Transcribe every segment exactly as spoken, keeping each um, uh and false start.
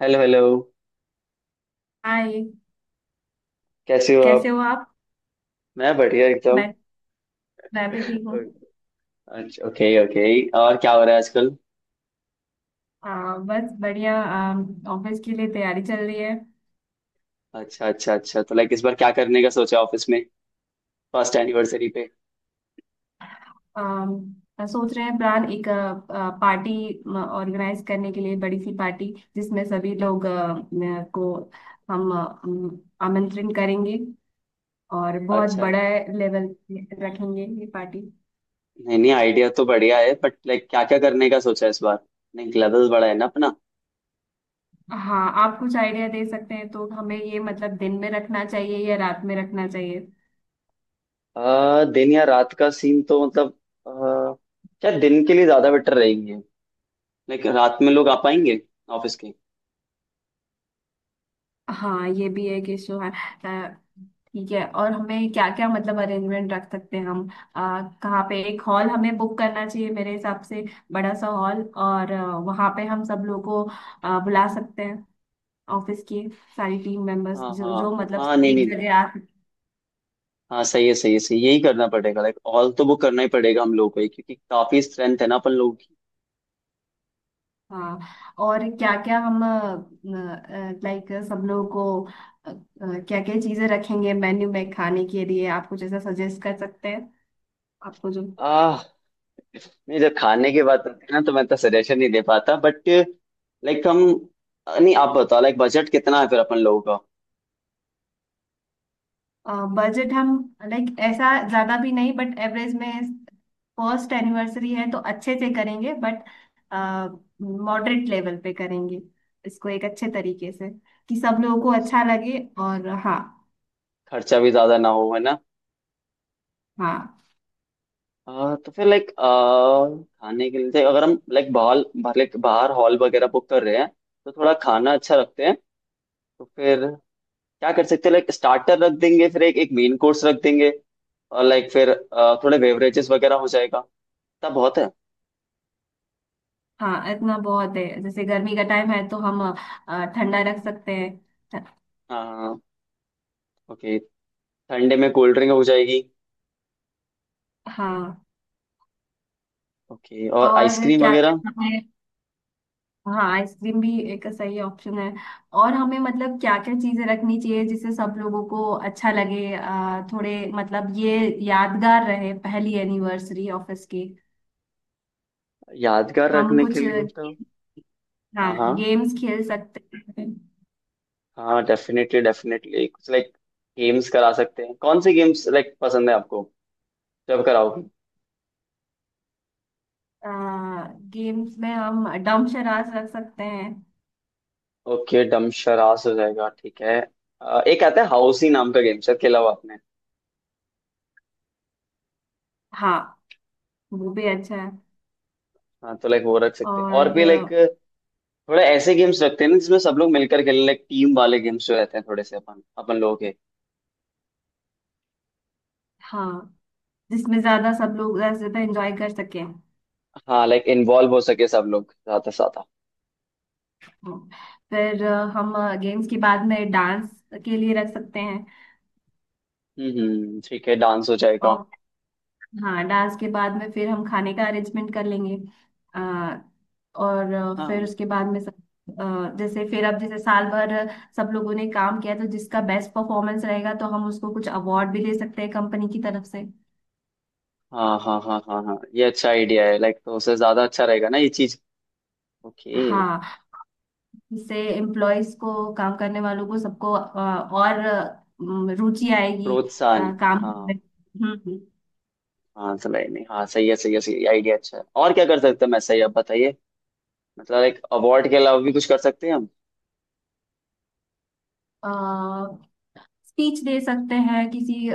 Hello hello. Hi. कैसे हो कैसे आप। हो आप। मैं बढ़िया एकदम। मैं मैं भी ठीक हूँ। अच्छा, ओके ओके। और क्या हो रहा है आजकल। आ, बस बढ़िया। ऑफिस के लिए तैयारी चल रही है। अच्छा, अच्छा, अच्छा, तो लाइक इस बार क्या करने का सोचा ऑफिस में फर्स्ट एनिवर्सरी पे। आ, सोच रहे हैं प्लान एक पार्टी ऑर्गेनाइज करने के लिए, बड़ी सी पार्टी जिसमें सभी लोग आ, न- को हम आ, अम, आमंत्रण करेंगे और बहुत अच्छा। बड़ा लेवल रखेंगे ये पार्टी। नहीं, नहीं, आइडिया तो बढ़िया है बट लाइक क्या क्या करने का सोचा है इस बार। नहीं, लेवल बड़ा है ना अपना। हाँ, आप कुछ आइडिया दे सकते हैं तो हमें ये मतलब दिन में रखना चाहिए या रात में रखना चाहिए। आ, दिन या रात का सीन तो मतलब आ, क्या दिन के लिए ज्यादा बेटर रहेगी। लाइक रात में लोग आ पाएंगे ऑफिस के। हाँ ये भी है कि शो है। अ, ठीक है, और हमें क्या क्या मतलब अरेंजमेंट रख सकते हैं हम। आ, कहाँ पे एक हॉल हमें बुक करना चाहिए मेरे हिसाब से। बड़ा सा हॉल, और अ, वहाँ पे हम सब लोग को अ, बुला सकते हैं, ऑफिस की सारी टीम मेंबर्स हाँ, जो हाँ। जो मतलब हाँ, सब नहीं, एक नहीं। जगह आ सकते। हाँ, सही है, सही है, सही है। यही करना पड़ेगा लाइक ऑल तो बुक करना ही पड़ेगा हम लोगों को ही, क्योंकि काफी स्ट्रेंथ है ना अपन लोगों की। हाँ, और क्या क्या हम, लाइक सब लोगों को क्या क्या चीजें रखेंगे मेन्यू में खाने के लिए, आप कुछ ऐसा सजेस्ट कर सकते हैं आपको जो। आह। नहीं, जब खाने की बात होती है ना तो मैं तो सजेशन नहीं दे पाता बट लाइक हम। नहीं, आप बताओ लाइक बजट कितना है फिर अपन लोगों का। बजट हम लाइक ऐसा ज्यादा भी नहीं बट एवरेज में। फर्स्ट एनिवर्सरी है तो अच्छे से करेंगे बट मॉडरेट लेवल पे करेंगे इसको, एक अच्छे तरीके से कि सब लोगों को अच्छा, अच्छा लगे, और हाँ। खर्चा भी ज्यादा ना हो है ना। हाँ। आह, तो फिर लाइक खाने के लिए अगर हम लाइक हॉल लाइक बाहर हॉल वगैरह बुक कर रहे हैं तो थोड़ा खाना अच्छा रखते हैं। तो फिर क्या कर सकते हैं लाइक स्टार्टर रख देंगे फिर एक एक मेन कोर्स रख देंगे और लाइक फिर अ, थोड़े बेवरेजेस वगैरह हो जाएगा। तब बहुत है। हाँ, इतना बहुत है, जैसे गर्मी का टाइम है तो हम अ, ठंडा रख सकते हैं। हाँ। ओके। ठंडे में कोल्ड ड्रिंक हो जाएगी। हाँ, ओके और और आइसक्रीम क्या वगैरह। क्या। हाँ, आइसक्रीम भी एक सही ऑप्शन है। और हमें मतलब क्या क्या चीजें रखनी चाहिए जिससे सब लोगों को अच्छा लगे, अ, थोड़े मतलब ये यादगार रहे पहली एनिवर्सरी ऑफिस की। यादगार हम रखने के कुछ लिए तो। हाँ, हाँ, हाँ। गेम्स खेल सकते हैं। हाँ, डेफिनेटली डेफिनेटली कुछ लाइक गेम्स करा सकते हैं कौन से गेम्स लाइक पसंद है आपको जब कराओगे। गेम्स में हम डम शराज रख सकते हैं। ओके, डम शरास हो जाएगा, ठीक है। अ, एक आता है हाउसी नाम का गेम शायद खेला हुआ आपने। हाँ, वो भी अच्छा है। हाँ तो लाइक वो रख सकते हैं और और भी लाइक अ, थोड़े ऐसे गेम्स रखते हैं ना जिसमें सब लोग मिलकर खेलें लाइक टीम वाले गेम्स जो रहते हैं थोड़े से अपन अपन लोग। हाँ, जिसमें ज्यादा सब लोग ज्यादा से ज्यादा एंजॉय कर सकें। हाँ लाइक इन्वॉल्व हो सके सब लोग ज्यादा से ज्यादा। हम्म, फिर अ, हम गेम्स के बाद में डांस के लिए रख सकते हैं। हम्म, ठीक है, डांस हो जाएगा। और हाँ, डांस के बाद में फिर हम खाने का अरेंजमेंट कर लेंगे। आ, और अ, हाँ, फिर उसके बाद में सब अ, जैसे फिर अब जैसे साल भर सब लोगों ने काम किया तो जिसका बेस्ट परफॉर्मेंस रहेगा तो हम उसको कुछ अवार्ड भी दे सकते हैं कंपनी की तरफ से। हाँ, हाँ, हाँ, हाँ, हाँ, ये अच्छा आइडिया है लाइक तो उससे ज्यादा अच्छा रहेगा ना ये चीज। ओके। हाँ, इससे एम्प्लॉयज को, काम करने वालों को, सबको अ, और अ, रुचि आएगी अ, प्रोत्साहन। काम हाँ। करने में। हाँ, सलाई नहीं, हाँ, सही है, सही है, सही है, आइडिया अच्छा है और क्या कर सकते हैं मैं सही आप बताइए। मतलब लाइक अवार्ड के अलावा भी कुछ कर सकते हैं हम। हम्म स्पीच दे सकते हैं किसी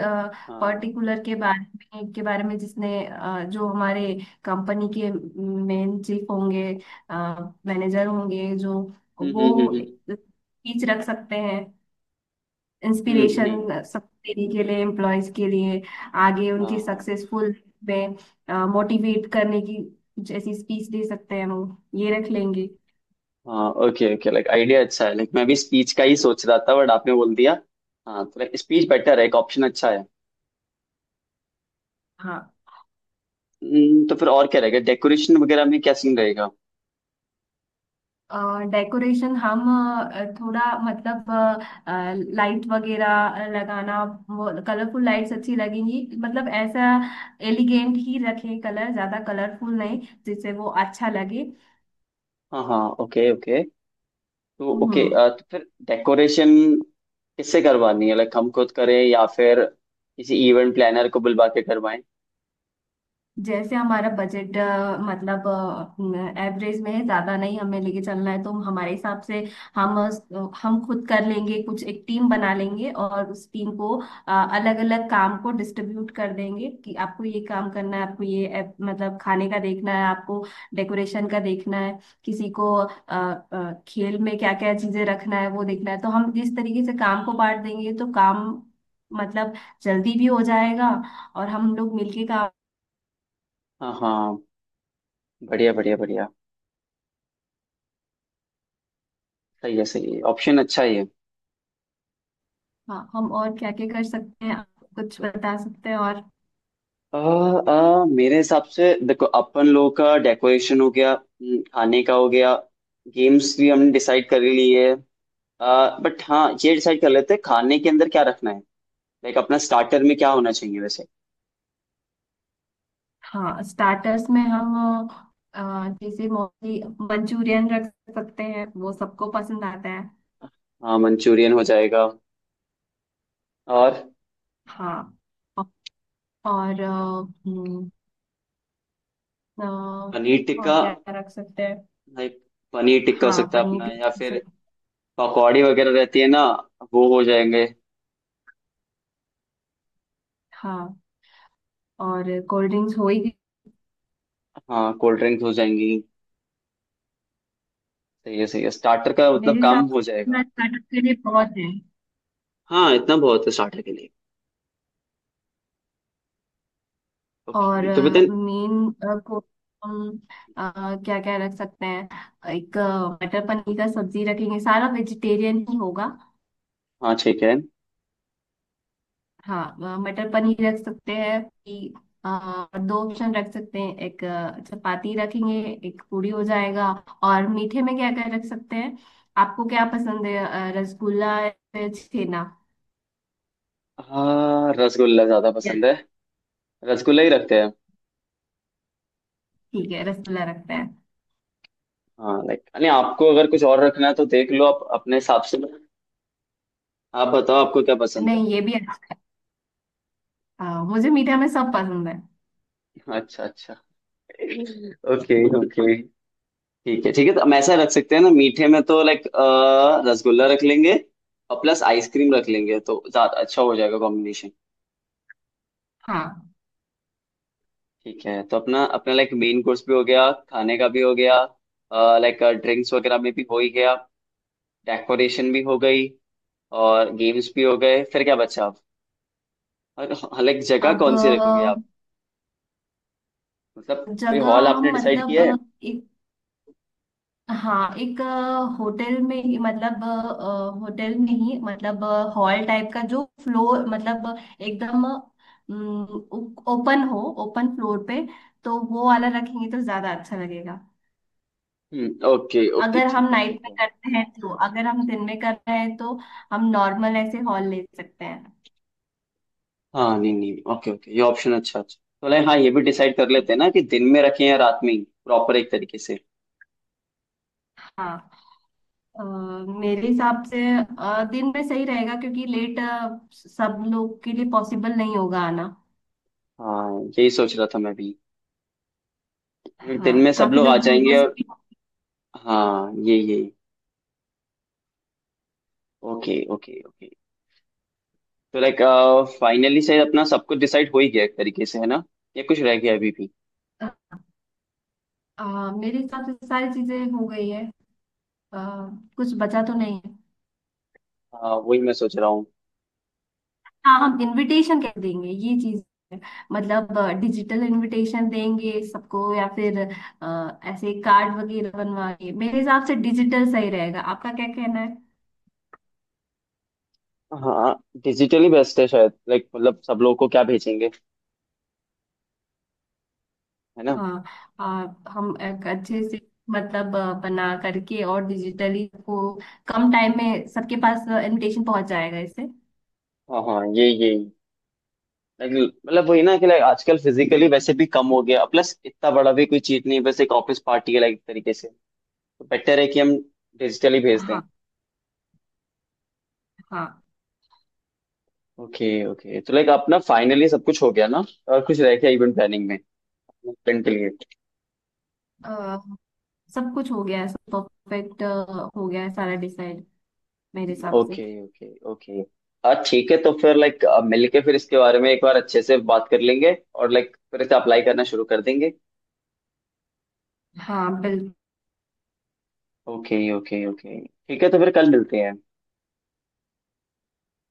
हाँ। पर्टिकुलर के बारे में के बारे में जिसने अ, जो हमारे कंपनी के मेन चीफ होंगे, मैनेजर होंगे, जो हम्म, वो हम्म, हम्म। स्पीच रख सकते हैं, हम्म, हम्म, नहीं। इंस्पिरेशन सब देने के लिए एम्प्लॉयज के लिए, आगे हाँ, उनके हाँ। सक्सेसफुल में मोटिवेट करने की जैसी स्पीच दे सकते हैं वो, ये रख लेंगे। हाँ, ओके, ओके, लाइक आइडिया अच्छा है लाइक मैं भी स्पीच का ही सोच रहा था बट आपने बोल दिया। हाँ तो लाइक स्पीच बेटर है, एक ऑप्शन अच्छा है। हाँ। हम्म, तो फिर और क्या रहेगा डेकोरेशन वगैरह में क्या सीन रहेगा। डेकोरेशन हम अ, थोड़ा मतलब लाइट वगैरह लगाना, वो कलरफुल लाइट्स अच्छी लगेंगी, मतलब ऐसा एलिगेंट ही रखें, कलर ज्यादा कलरफुल नहीं जिससे वो अच्छा लगे। हाँ, हाँ, ओके, ओके। तो ओके, हम्म। अ, तो फिर डेकोरेशन किससे करवानी है लाइक हम खुद करें या फिर किसी इवेंट प्लानर को बुलवा के करवाएं। जैसे हमारा बजट मतलब एवरेज में है, ज्यादा नहीं हमें लेके चलना है, तो हमारे हिसाब से हम अ, हम खुद कर लेंगे, कुछ एक टीम बना लेंगे और उस टीम को अलग अलग काम को डिस्ट्रीब्यूट कर देंगे कि आपको ये काम करना है, आपको ये अ, मतलब खाने का देखना है, आपको डेकोरेशन का देखना है, किसी को अ, अ, खेल में क्या क्या चीजें रखना है वो देखना है, तो हम जिस तरीके से काम को बांट देंगे तो काम मतलब जल्दी भी हो जाएगा और हम लोग मिलके काम। हाँ, हाँ, बढ़िया बढ़िया बढ़िया। सही है, सही है, ऑप्शन अच्छा ही है। हाँ, हम और क्या क्या कर सकते हैं, आप कुछ बता सकते हैं और। अ, अ, मेरे हिसाब से देखो अपन लोगों का डेकोरेशन हो गया, हम्म, खाने का हो गया। गेम्स भी हमने डिसाइड कर ली है। बट हाँ, ये डिसाइड कर लेते हैं खाने के अंदर क्या रखना है। लाइक अपना स्टार्टर में क्या होना चाहिए वैसे। हाँ, स्टार्टर्स में हम अ, जैसे मोस्टली मंचूरियन रख सकते हैं, वो सबको पसंद आता है। हाँ, मंचूरियन हो जाएगा। और हाँ। औ- और अ, हम्म, अ, पनीर टिक्का और क्या रख सकते हैं। भाई। पनीर टिक्का हो हाँ, सकता है पनीर अपना या टिक्का रख फिर सकते। पकौड़ी वगैरह रहती है ना, वो हो जाएंगे। हाँ, और कोल्ड ड्रिंक्स हो ही गई। हाँ, कोल्ड ड्रिंक्स हो जाएंगी। सही है, सही है, स्टार्टर का मतलब मेरे काम हिसाब हो जाएगा। से स्टार्टर के लिए बहुत है। हाँ, इतना बहुत है स्टार्टर के लिए। और ओके, तो बताइए। मेन को हम क्या क्या रख सकते हैं, एक अ, मटर पनीर का सब्जी रखेंगे, सारा वेजिटेरियन ही होगा। हाँ, ठीक है। हाँ, अ, मटर पनीर रख सकते हैं कि, अ, और दो ऑप्शन रख सकते हैं, एक अ, चपाती रखेंगे, एक पूरी हो जाएगा। और मीठे में क्या क्या रख सकते हैं, आपको क्या पसंद है, अ, रसगुल्ला या छेना। हाँ, रसगुल्ला ज्यादा या- पसंद है। रसगुल्ला ही रखते हैं। ठीक है, रसगुल्ला रखते हैं। हाँ लाइक नहीं, आपको अगर कुछ और रखना है तो देख लो आप अपने हिसाब से। आप बताओ आपको क्या पसंद है। नहीं, ये भी अच्छा, अ, मुझे मीठे में सब पसंद है। अच्छा, अच्छा। Okay, okay. ठीक है, ठीक है, तो हम ऐसा रख सकते हैं ना मीठे में तो लाइक रसगुल्ला रख लेंगे। और प्लस आइसक्रीम रख लेंगे तो ज्यादा अच्छा हो जाएगा कॉम्बिनेशन। हाँ। ठीक है, तो अपना अपना लाइक मेन कोर्स भी हो गया। खाने का भी हो गया। लाइक ड्रिंक्स वगैरह में भी हो ही गया। डेकोरेशन भी हो गई। और गेम्स भी हो गए, फिर क्या बचा आप। और लाइक जगह अब कौन सी रखोगे आप। मतलब कोई जगह हॉल आपने हम डिसाइड मतलब किया है। अ, एक, हाँ एक अ, होटल में ही मतलब अ, अ, होटल में ही मतलब अ, हॉल टाइप का जो फ्लोर, मतलब अ, एकदम अम, ओपन हो, ओपन फ्लोर पे तो वो वाला रखेंगे तो ज्यादा अच्छा लगेगा। हम्म, ओके, ओके, अगर ठीक हम है, ठीक नाइट में है। करते हैं तो, अगर हम दिन में कर रहे हैं तो हम नॉर्मल ऐसे हॉल ले सकते हैं। हाँ, नहीं, नहीं, ओके, ओके, ये ऑप्शन अच्छा, अच्छा, तो लाइक हाँ, ये भी डिसाइड कर लेते हैं ना कि दिन में रखें या रात में ही। प्रॉपर एक तरीके से। हाँ, अ, मेरे हिसाब से अ, दिन में सही रहेगा क्योंकि लेट सब लोग के लिए पॉसिबल नहीं होगा आना। हाँ, यही सोच रहा था मैं भी। हम्म, दिन हाँ, में सब काफी लोग आ लोग दूर जाएंगे दूर से और भी। हाँ, ये ये ओके, ओके, ओके। तो लाइक फाइनली शायद अपना सब कुछ डिसाइड हो ही गया एक तरीके से, है ना। या कुछ रह गया अभी भी। आ, मेरे हिसाब से तो सारी चीजें हो गई है, आ, कुछ बचा तो नहीं है। हाँ, वही मैं सोच रहा हूँ। हाँ, हम इनविटेशन कह देंगे ये चीज है। मतलब डिजिटल इनविटेशन देंगे सबको, या फिर आ, ऐसे कार्ड वगैरह बनवाएंगे, मेरे हिसाब से डिजिटल सही रहेगा, आपका क्या कहना है। हाँ, डिजिटली बेस्ट है शायद लाइक मतलब सब लोगों को क्या भेजेंगे, है ना। हाँ, आ, हम एक अच्छे से मतलब आ, बना करके और डिजिटली को कम टाइम में सबके पास इनविटेशन पहुंच जाएगा इससे। हाँ, हाँ, ये ये Like, मतलब वही ना कि लाइक आजकल फिजिकली वैसे भी कम हो गया, प्लस इतना बड़ा भी कोई चीज नहीं है, बस एक ऑफिस पार्टी है लाइक तरीके से। तो बेटर है कि हम डिजिटली भेज दें। हाँ। ओके, ओके, तो लाइक अपना फाइनली सब कुछ हो गया ना। और कुछ रह गया इवेंट प्लानिंग में, इवेंट के लिए। हाँ, सब कुछ हो गया है, सब परफेक्ट हो गया है, सारा डिसाइड मेरे हिसाब से। Okay, okay, okay. हाँ, ठीक है, तो फिर लाइक मिलके फिर इसके बारे में एक बार अच्छे से बात कर लेंगे और लाइक फिर इसे अप्लाई करना शुरू कर देंगे। हाँ, बिल्कुल। ओके, ओके, ओके, ठीक है, तो फिर कल मिलते हैं।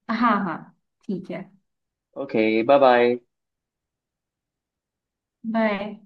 हाँ हाँ, ठीक है, ओके। Bye bye. बाय।